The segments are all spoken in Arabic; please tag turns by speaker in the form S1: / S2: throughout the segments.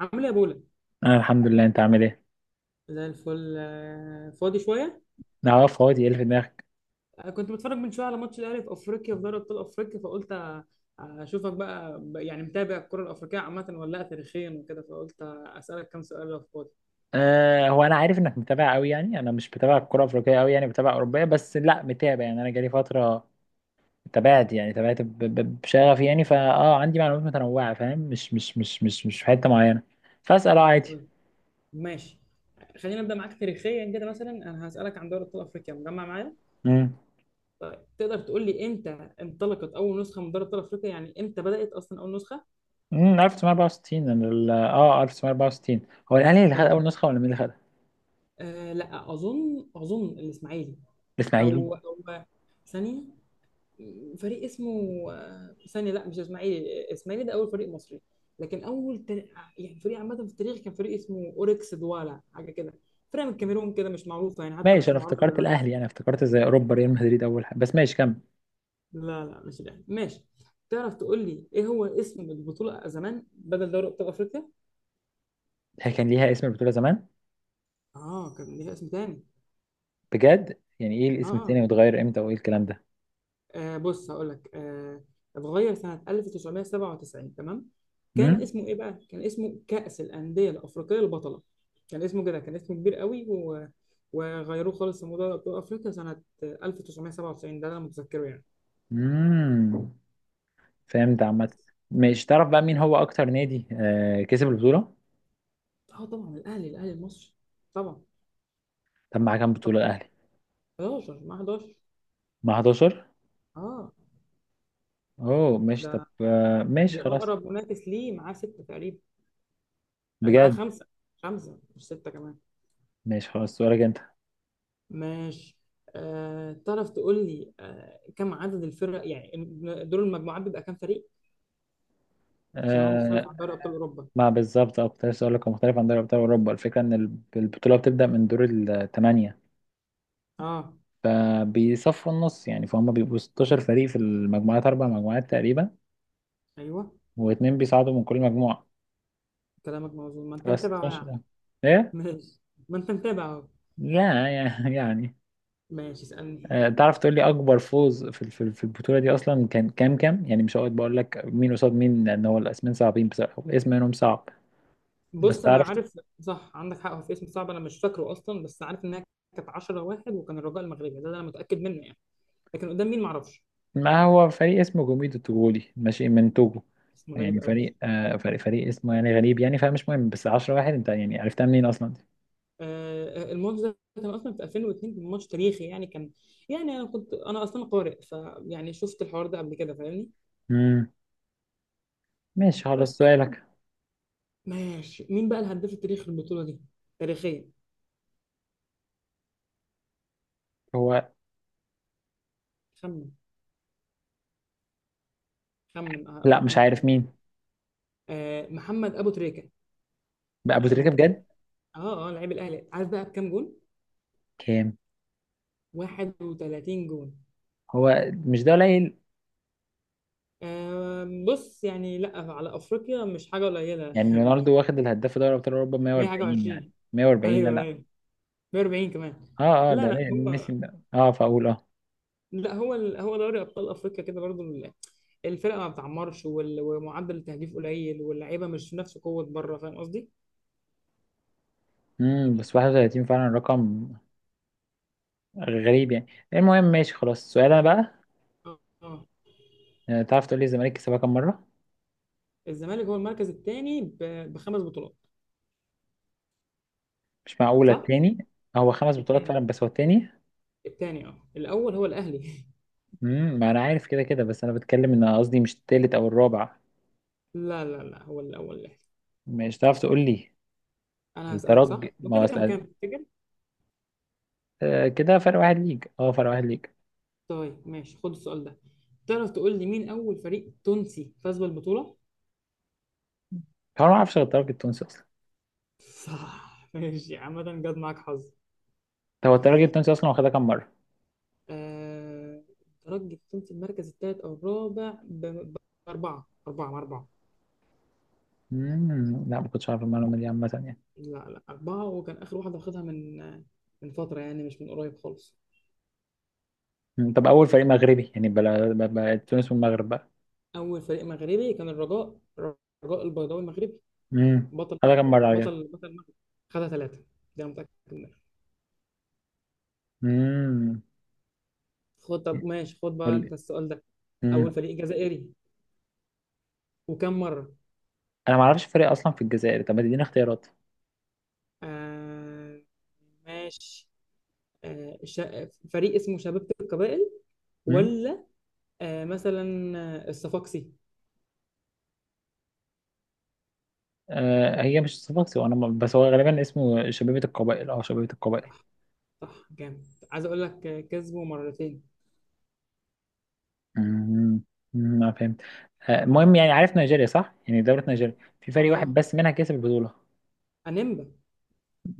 S1: عامل ايه يا بولا؟
S2: انا الحمد لله. انت عامل ايه؟
S1: زي الفل، فاضي شويه.
S2: نعرف هو ايه اللي في دماغك.
S1: كنت بتفرج من شويه على ماتش الاهلي في افريقيا، في دوري ابطال افريقيا، فقلت اشوفك بقى، يعني متابع الكره الافريقيه عامه ولا لا، تاريخيا وكده، فقلت اسالك كام سؤال لو فاضي.
S2: هو انا عارف انك متابع قوي، يعني انا مش بتابع الكره الافريقيه قوي، يعني بتابع اوروبيه، بس لا متابع. يعني انا جالي فتره تابعت، يعني تابعت بشغف. يعني فا عندي معلومات متنوعه، فاهم؟ مش في حته معينه. فاسال، عادي.
S1: طيب، ماشي. خلينا نبدا معاك تاريخيا كده. مثلا انا هسالك عن دوري ابطال افريقيا، مجمع معايا؟
S2: امم
S1: طيب، تقدر تقول لي امتى انطلقت اول نسخه من دوري ابطال افريقيا؟ يعني امتى بدات اصلا اول نسخه؟
S2: 1964. أنا ال- اه 1964. هو الاهلي اللي خد
S1: كده.
S2: اول نسخه، ولا مين اللي خدها؟
S1: لا، اظن الاسماعيلي.
S2: الاسماعيلي؟
S1: او ثانيه، فريق اسمه... ثانيه، لا، مش اسماعيلي. اسماعيلي ده اول فريق مصري، لكن اول يعني فريق عامه في التاريخ، كان فريق اسمه اوركس دوالا، حاجه كده. فريق من الكاميرون كده، مش معروفه يعني، حتى
S2: ماشي،
S1: مش
S2: انا
S1: معروفه
S2: افتكرت
S1: دلوقتي.
S2: الاهلي. يعني افتكرت زي اوروبا، ريال مدريد اول حاجه. بس ماشي، كمل.
S1: لا، لا، مش الاهلي. ماشي. تعرف تقول لي ايه هو اسم البطوله زمان، بدل دوري ابطال افريقيا؟
S2: هي كان ليها اسم، البطوله زمان؟
S1: اه، كان ليها اسم تاني.
S2: بجد؟ يعني ايه الاسم
S1: اه
S2: التاني، واتغير امتى، وايه الكلام ده؟
S1: بص، هقول لك، اتغير سنة 1997، تمام. كان
S2: امم
S1: اسمه ايه بقى؟ كان اسمه كأس الأندية الأفريقية البطلة. كان اسمه كده، كان اسمه كبير قوي وغيروه خالص لموضوع أبطال أفريقيا سنة 1997. ده اللي أنا متذكره يعني.
S2: امم. فهمت عامة.
S1: بس.
S2: مش تعرف بقى مين هو اكتر نادي كسب البطولة؟
S1: اه طبعا، الأهلي المصري، طبعا.
S2: طب مع كام بطولة
S1: طبعا
S2: الاهلي؟
S1: 11 مع 11.
S2: مع 11؟
S1: اه
S2: اوه ماشي. طب
S1: ده،
S2: ماشي، خلاص.
S1: وأقرب منافس ليه معاه ستة تقريبا. معاه
S2: بجد؟
S1: خمسة. خمسة، مش ستة كمان.
S2: ماشي خلاص، سؤالك انت.
S1: ماشي. تعرف تقول لي كم عدد الفرق يعني؟ دور المجموعات بيبقى كام فريق؟ عشان هو مختلف
S2: آه
S1: عن دوري ابطال اوروبا.
S2: ما بالظبط، كنت لسه اقول لك هو مختلف عن دوري ابطال اوروبا. الفكرة ان البطولة بتبدأ من دور الثمانية،
S1: اه،
S2: فبيصفوا النص. يعني فهم بيبقوا 16 فريق في المجموعات، اربع مجموعات تقريبا،
S1: ايوه،
S2: واثنين بيصعدوا من كل مجموعة.
S1: كلامك موزون. ما انت متابعه يعني.
S2: 15. ايه؟
S1: ماشي. ما انت متابعه أهو.
S2: يا يا يعني.
S1: ماشي، اسالني.
S2: آه، تعرف تقول لي اكبر فوز في في في البطوله دي اصلا كان كام كام؟ يعني مش هقعد بقول لك مين قصاد مين، لان هو الاسمين صعبين بصراحه، اسم منهم صعب. بس
S1: بص، انا
S2: تعرف؟
S1: عارف. صح، عندك حق، هو في اسم صعب، انا مش فاكره اصلا، بس عارف انها كانت 10 واحد، وكان الرجاء المغربي، ده انا متاكد منه يعني، لكن قدام مين معرفش.
S2: ما هو فريق اسمه جوميدو التوغولي، ماشي، من توجو.
S1: اسم غريب
S2: يعني
S1: قوي.
S2: فريق، فريق، اسمه يعني غريب، يعني فمش مهم. بس 10 واحد، انت يعني عرفتها منين اصلا دي؟
S1: الماتش ده كان اصلا في 2002، كان ماتش تاريخي يعني، كان... يعني انا كنت اصلا قارئ، فيعني شفت الحوار ده قبل كده، فاهمني.
S2: امم. ماشي خلاص،
S1: بس.
S2: سؤالك.
S1: ماشي، مين بقى الهداف التاريخي للبطوله دي؟ تاريخيا.
S2: هو
S1: خمن. خمن،
S2: لا، مش
S1: ممكن
S2: عارف
S1: تجي.
S2: مين.
S1: محمد ابو تريكه.
S2: بقى ابو تريكه؟
S1: بتاع...
S2: بجد؟
S1: اه لعيب الاهلي، عارف بقى بكام جون؟
S2: كام؟
S1: 31 جون.
S2: هو مش ده قليل؟
S1: بص، يعني لا، على افريقيا مش حاجه قليله
S2: يعني
S1: يعني.
S2: رونالدو واخد الهداف دوري ابطال اوروبا
S1: 100 حاجه
S2: 140.
S1: و20.
S2: يعني 140، لا
S1: ايوه،
S2: لا.
S1: ايوه. 140 كمان.
S2: اه اه،
S1: لا،
S2: ده
S1: لا، هم.
S2: ميسي ده. اه فاقول
S1: لا، هو هو دوري ابطال افريقيا كده برضو، الفرقه ما بتعمرش، ومعدل التهديف قليل، واللعيبه مش نفس قوه بره. فاهم قصدي؟
S2: امم. بس 31 فعلا رقم غريب يعني. المهم، ماشي خلاص، السؤال انا بقى.
S1: اه، آه.
S2: آه، تعرف تقول لي الزمالك كسبها كام مره؟
S1: الزمالك هو المركز الثاني بخمس بطولات.
S2: مش معقوله
S1: صح؟
S2: التاني! هو خمس بطولات
S1: الثاني.
S2: فعلا، بس هو التاني؟
S1: الثاني، الاول هو الاهلي
S2: امم، ما انا عارف كده كده، بس انا بتكلم ان قصدي مش التالت او الرابع.
S1: لا، لا، لا، هو الاول الاهلي.
S2: مش تعرف تقول لي؟
S1: انا هسالك، صح؟
S2: الترجي. ما
S1: وكده
S2: هو
S1: كام كام تفتكر؟
S2: كده فرق واحد ليج. اه فرق واحد ليج.
S1: طيب، ماشي، خد السؤال ده. تعرف تقول لي مين اول فريق تونسي فاز بالبطوله؟
S2: هو أنا ما اعرفش غير الترجي التونسي اصلا.
S1: صح، ماشي، عامة جت معاك حظ.
S2: هو الترجي التونسي اصلا واخدها كام مره؟
S1: آه، الترجي كنت المركز الثالث او الرابع باربعه، اربعه مع اربعه.
S2: مم، لا ما كنتش عارف المعلومة دي عامة يعني.
S1: لا، لا، اربعه. وكان اخر واحده واخدها من فتره يعني، مش من قريب خالص.
S2: مم. طب أول فريق مغربي؟ يعني بلا تونس والمغرب بقى.
S1: اول فريق مغربي كان الرجاء. الرجاء البيضاوي المغربي.
S2: مم.
S1: بطل.
S2: هذا كم مرة عليك؟
S1: بطل، بطل المغرب. خدها ثلاثه. ده أنا متاكد منها.
S2: مم.
S1: خد. طب، ماشي، خد بقى
S2: قول
S1: انت
S2: لي.
S1: السؤال ده. اول
S2: مم.
S1: فريق جزائري، وكم مره؟
S2: أنا ما أعرفش فريق أصلا في الجزائر. طب ما تديني اختيارات؟
S1: آه ماشي. فريق اسمه شباب القبائل.
S2: مم.
S1: ولا... مثلا. الصفاقسي.
S2: آه، هي مش صفاقسي. وأنا ما- بس هو غالبا اسمه شبيبة القبائل أو شبيبة القبائل.
S1: صح، جامد. عايز اقول لك، كسبه مرتين.
S2: مم. مم. أنا فهمت. آه، المهم، يعني عارف نيجيريا، صح؟ يعني دولة نيجيريا في فريق واحد
S1: اه
S2: بس منها كسب البطولة.
S1: انيمبا.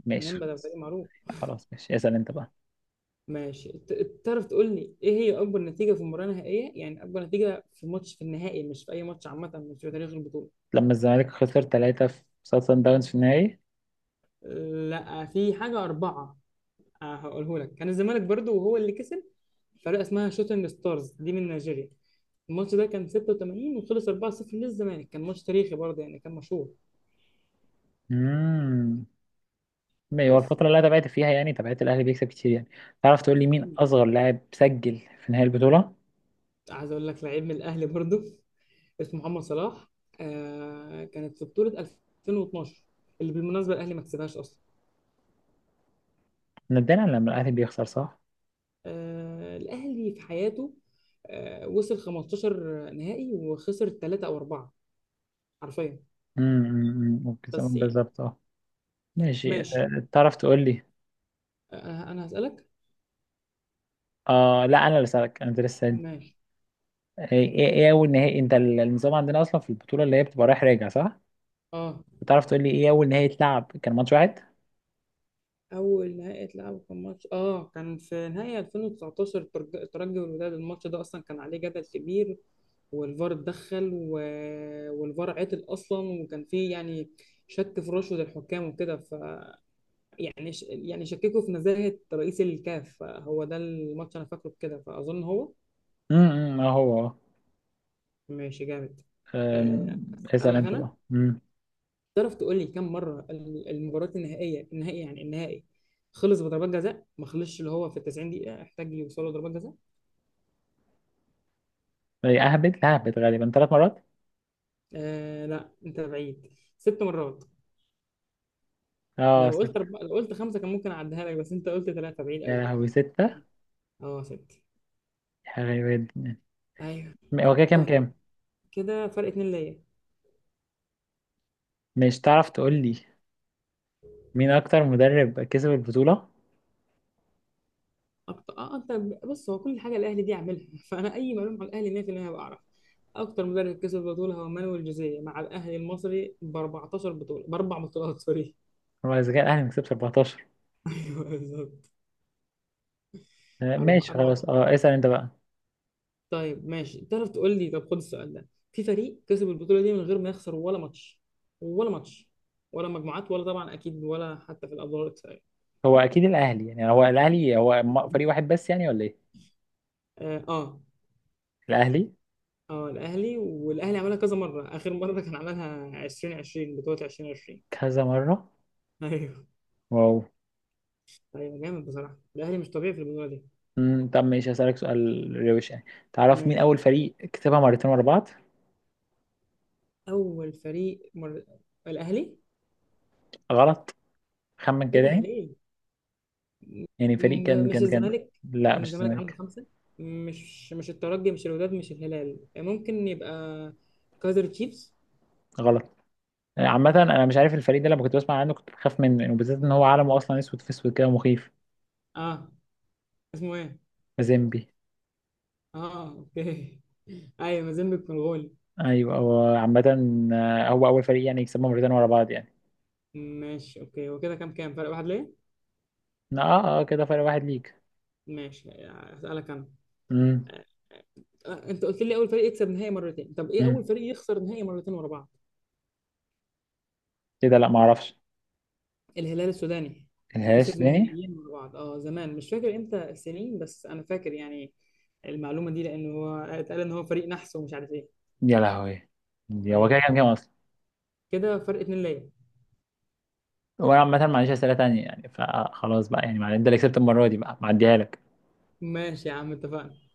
S2: ماشي
S1: انيمبا ده
S2: خلاص.
S1: فريق معروف.
S2: خلاص ماشي، اسأل أنت بقى.
S1: ماشي، تعرف تقول لي ايه هي اكبر نتيجه في مباراه نهائيه؟ يعني اكبر نتيجه في ماتش في النهائي، مش في اي ماتش عامه، مش في تاريخ البطوله.
S2: لما الزمالك خسر ثلاثة في سان داونز في النهائي.
S1: لا، في حاجه اربعه. هقوله لك، كان الزمالك برضو، وهو اللي كسب. فرقه اسمها شوتنج ستارز دي من نيجيريا. الماتش ده كان 86، وخلص 4-0 للزمالك. كان ماتش تاريخي برضه يعني، كان مشهور.
S2: امم. هو
S1: بس.
S2: الفترة اللي أنا تابعت فيها يعني تابعت الأهلي بيكسب كتير يعني. تعرف تقول لي مين أصغر لاعب سجل في نهاية البطولة؟
S1: عايز اقول لك، لعيب من الاهلي برضو. اسمه محمد صلاح. كانت في بطولة 2012، اللي بالمناسبة الاهلي ما كسبهاش اصلا.
S2: نادرا لما الأهلي بيخسر، صح؟
S1: الاهلي في حياته، وصل 15 نهائي وخسر ثلاثة او اربعة، حرفيا.
S2: امم، ممكن
S1: بس
S2: يسمون
S1: يعني.
S2: بالظبط ماشي.
S1: ماشي.
S2: آه، تعرف تقول لي؟
S1: انا هسألك.
S2: آه لا، أنا اللي سألك، أنا اللي لسه سألني.
S1: ماشي.
S2: آه، إيه أول نهائي؟ أنت النظام عندنا أصلا في البطولة اللي هي بتبقى رايح راجع، صح؟
S1: اه
S2: تعرف تقول لي إيه أول نهائي اتلعب كان ماتش واحد؟
S1: اول نهائي اتلعبوا كان ماتش، كان في نهائي 2019، الترجي والوداد. الماتش ده اصلا كان عليه جدل كبير، والفار اتدخل والفار عطل اصلا، وكان فيه يعني شك في رشوة الحكام وكده، يعني شككوا في نزاهة رئيس الكاف، فهو ده الماتش، انا فاكره بكده، فاظن هو.
S2: امم. اه هو آه.
S1: ماشي، جامد.
S2: آم،
S1: آه،
S2: اسأل
S1: اسالك
S2: أنت
S1: انا.
S2: بقى. امم.
S1: تعرف تقول لي كم مرة المباريات النهائية، النهائي يعني، النهائي خلص بضربات جزاء، ما خلصش اللي هو في ال 90 دقيقة، احتاج يوصلوا ضربات جزاء؟
S2: إيه، أهبد، لا أهبد، غالبا ثلاث مرات؟
S1: لا، انت بعيد. ست مرات.
S2: اه ست؟
S1: لو قلت خمسة كان ممكن اعديها لك، بس انت قلت ثلاثة، بعيد
S2: يا
S1: قوي.
S2: لهوي، ستة!
S1: اه، ست.
S2: غريبة جدا.
S1: ايوه.
S2: هو كده كام
S1: طيب.
S2: كام؟
S1: كده فرق اتنين ليا.
S2: مش تعرف تقول لي مين اكتر مدرب كسب البطولة؟
S1: اكتر، انت... بص، هو كل حاجة الاهلي دي عاملها فانا اي معلومة عن الاهلي 100% هبقى اعرف. اكتر مدرب كسب بطولة هو مانويل جوزيه مع الاهلي المصري ب 14 بطولة. باربع بطولات، سوري
S2: هو اذا كان الاهلي مكسب 14.
S1: ايوه، بالظبط.
S2: آه،
S1: أربع
S2: ماشي
S1: أربع
S2: خلاص.
S1: بطولات.
S2: اه اسأل انت بقى.
S1: طيب، ماشي. تعرف تقول لي، طب خد السؤال ده. في فريق كسب البطولة دي من غير ما يخسر ولا ماتش؟ ولا ماتش. ولا مجموعات، ولا طبعا أكيد ولا حتى في الأدوار الإقصائية.
S2: هو اكيد الاهلي. يعني هو الاهلي، هو فريق واحد بس يعني، ولا ايه؟
S1: آه، آه.
S2: الاهلي.
S1: الأهلي. والأهلي عملها كذا مرة، آخر مرة كان عملها 2020، بطولة 2020.
S2: كذا مرة؟
S1: أيوه، أيوه.
S2: واو.
S1: طيب، جامد بصراحة. الأهلي مش طبيعي في البطولة دي.
S2: مم. طب ماشي، هسألك سؤال روش يعني. تعرف مين
S1: ماشي.
S2: اول فريق كسبها مرتين ورا بعض؟
S1: أول فريق الأهلي.
S2: غلط. خمن
S1: إيه
S2: كده
S1: ده
S2: يعني.
S1: ليه؟
S2: يعني فريق كان
S1: مش
S2: كان كان
S1: الزمالك؟
S2: لا،
S1: لأن
S2: مش
S1: الزمالك عنده
S2: الزمالك.
S1: خمسة. مش الترجي، مش الوداد، مش الهلال. ممكن يبقى كايزر تشيفز؟
S2: غلط. عامة انا مش عارف الفريق ده، لما كنت بسمع عنه كنت بخاف منه، وبالذات ان هو علمه اصلا اسود في اسود كده، مخيف.
S1: اه، اسمه ايه؟
S2: مازيمبي.
S1: اه اوكي ايوه، مازيمبيك منغولي.
S2: ايوه، هو عامة آه، هو اول فريق يعني يكسبه مرتين ورا بعض يعني.
S1: ماشي، اوكي. هو كده كام كام؟ فرق واحد ليه؟
S2: اه اه. آه، كده فرق واحد ليك.
S1: ماشي، هسألك انا.
S2: امم
S1: آه، انت قلت لي اول فريق يكسب نهائي مرتين، طب ايه اول
S2: امم.
S1: فريق يخسر نهائي مرتين ورا بعض؟
S2: كده لا، ما اعرفش.
S1: الهلال السوداني.
S2: الهاش
S1: خسر
S2: تاني؟
S1: نهائيين مع بعض، زمان، مش فاكر امتى السنين، بس انا فاكر يعني المعلومه دي، لان هو اتقال ان هو فريق نحس ومش عارف ايه.
S2: يا لهوي. هو
S1: ايوه.
S2: كده كام كام اصلا؟
S1: كده فرق اتنين ليا.
S2: وانا عامة ما عنديش اسئلة تانية يعني، فخلاص بقى يعني. انت اللي كسبت المرة دي بقى، معديها لك.
S1: ماشي يا عم، اتفقنا.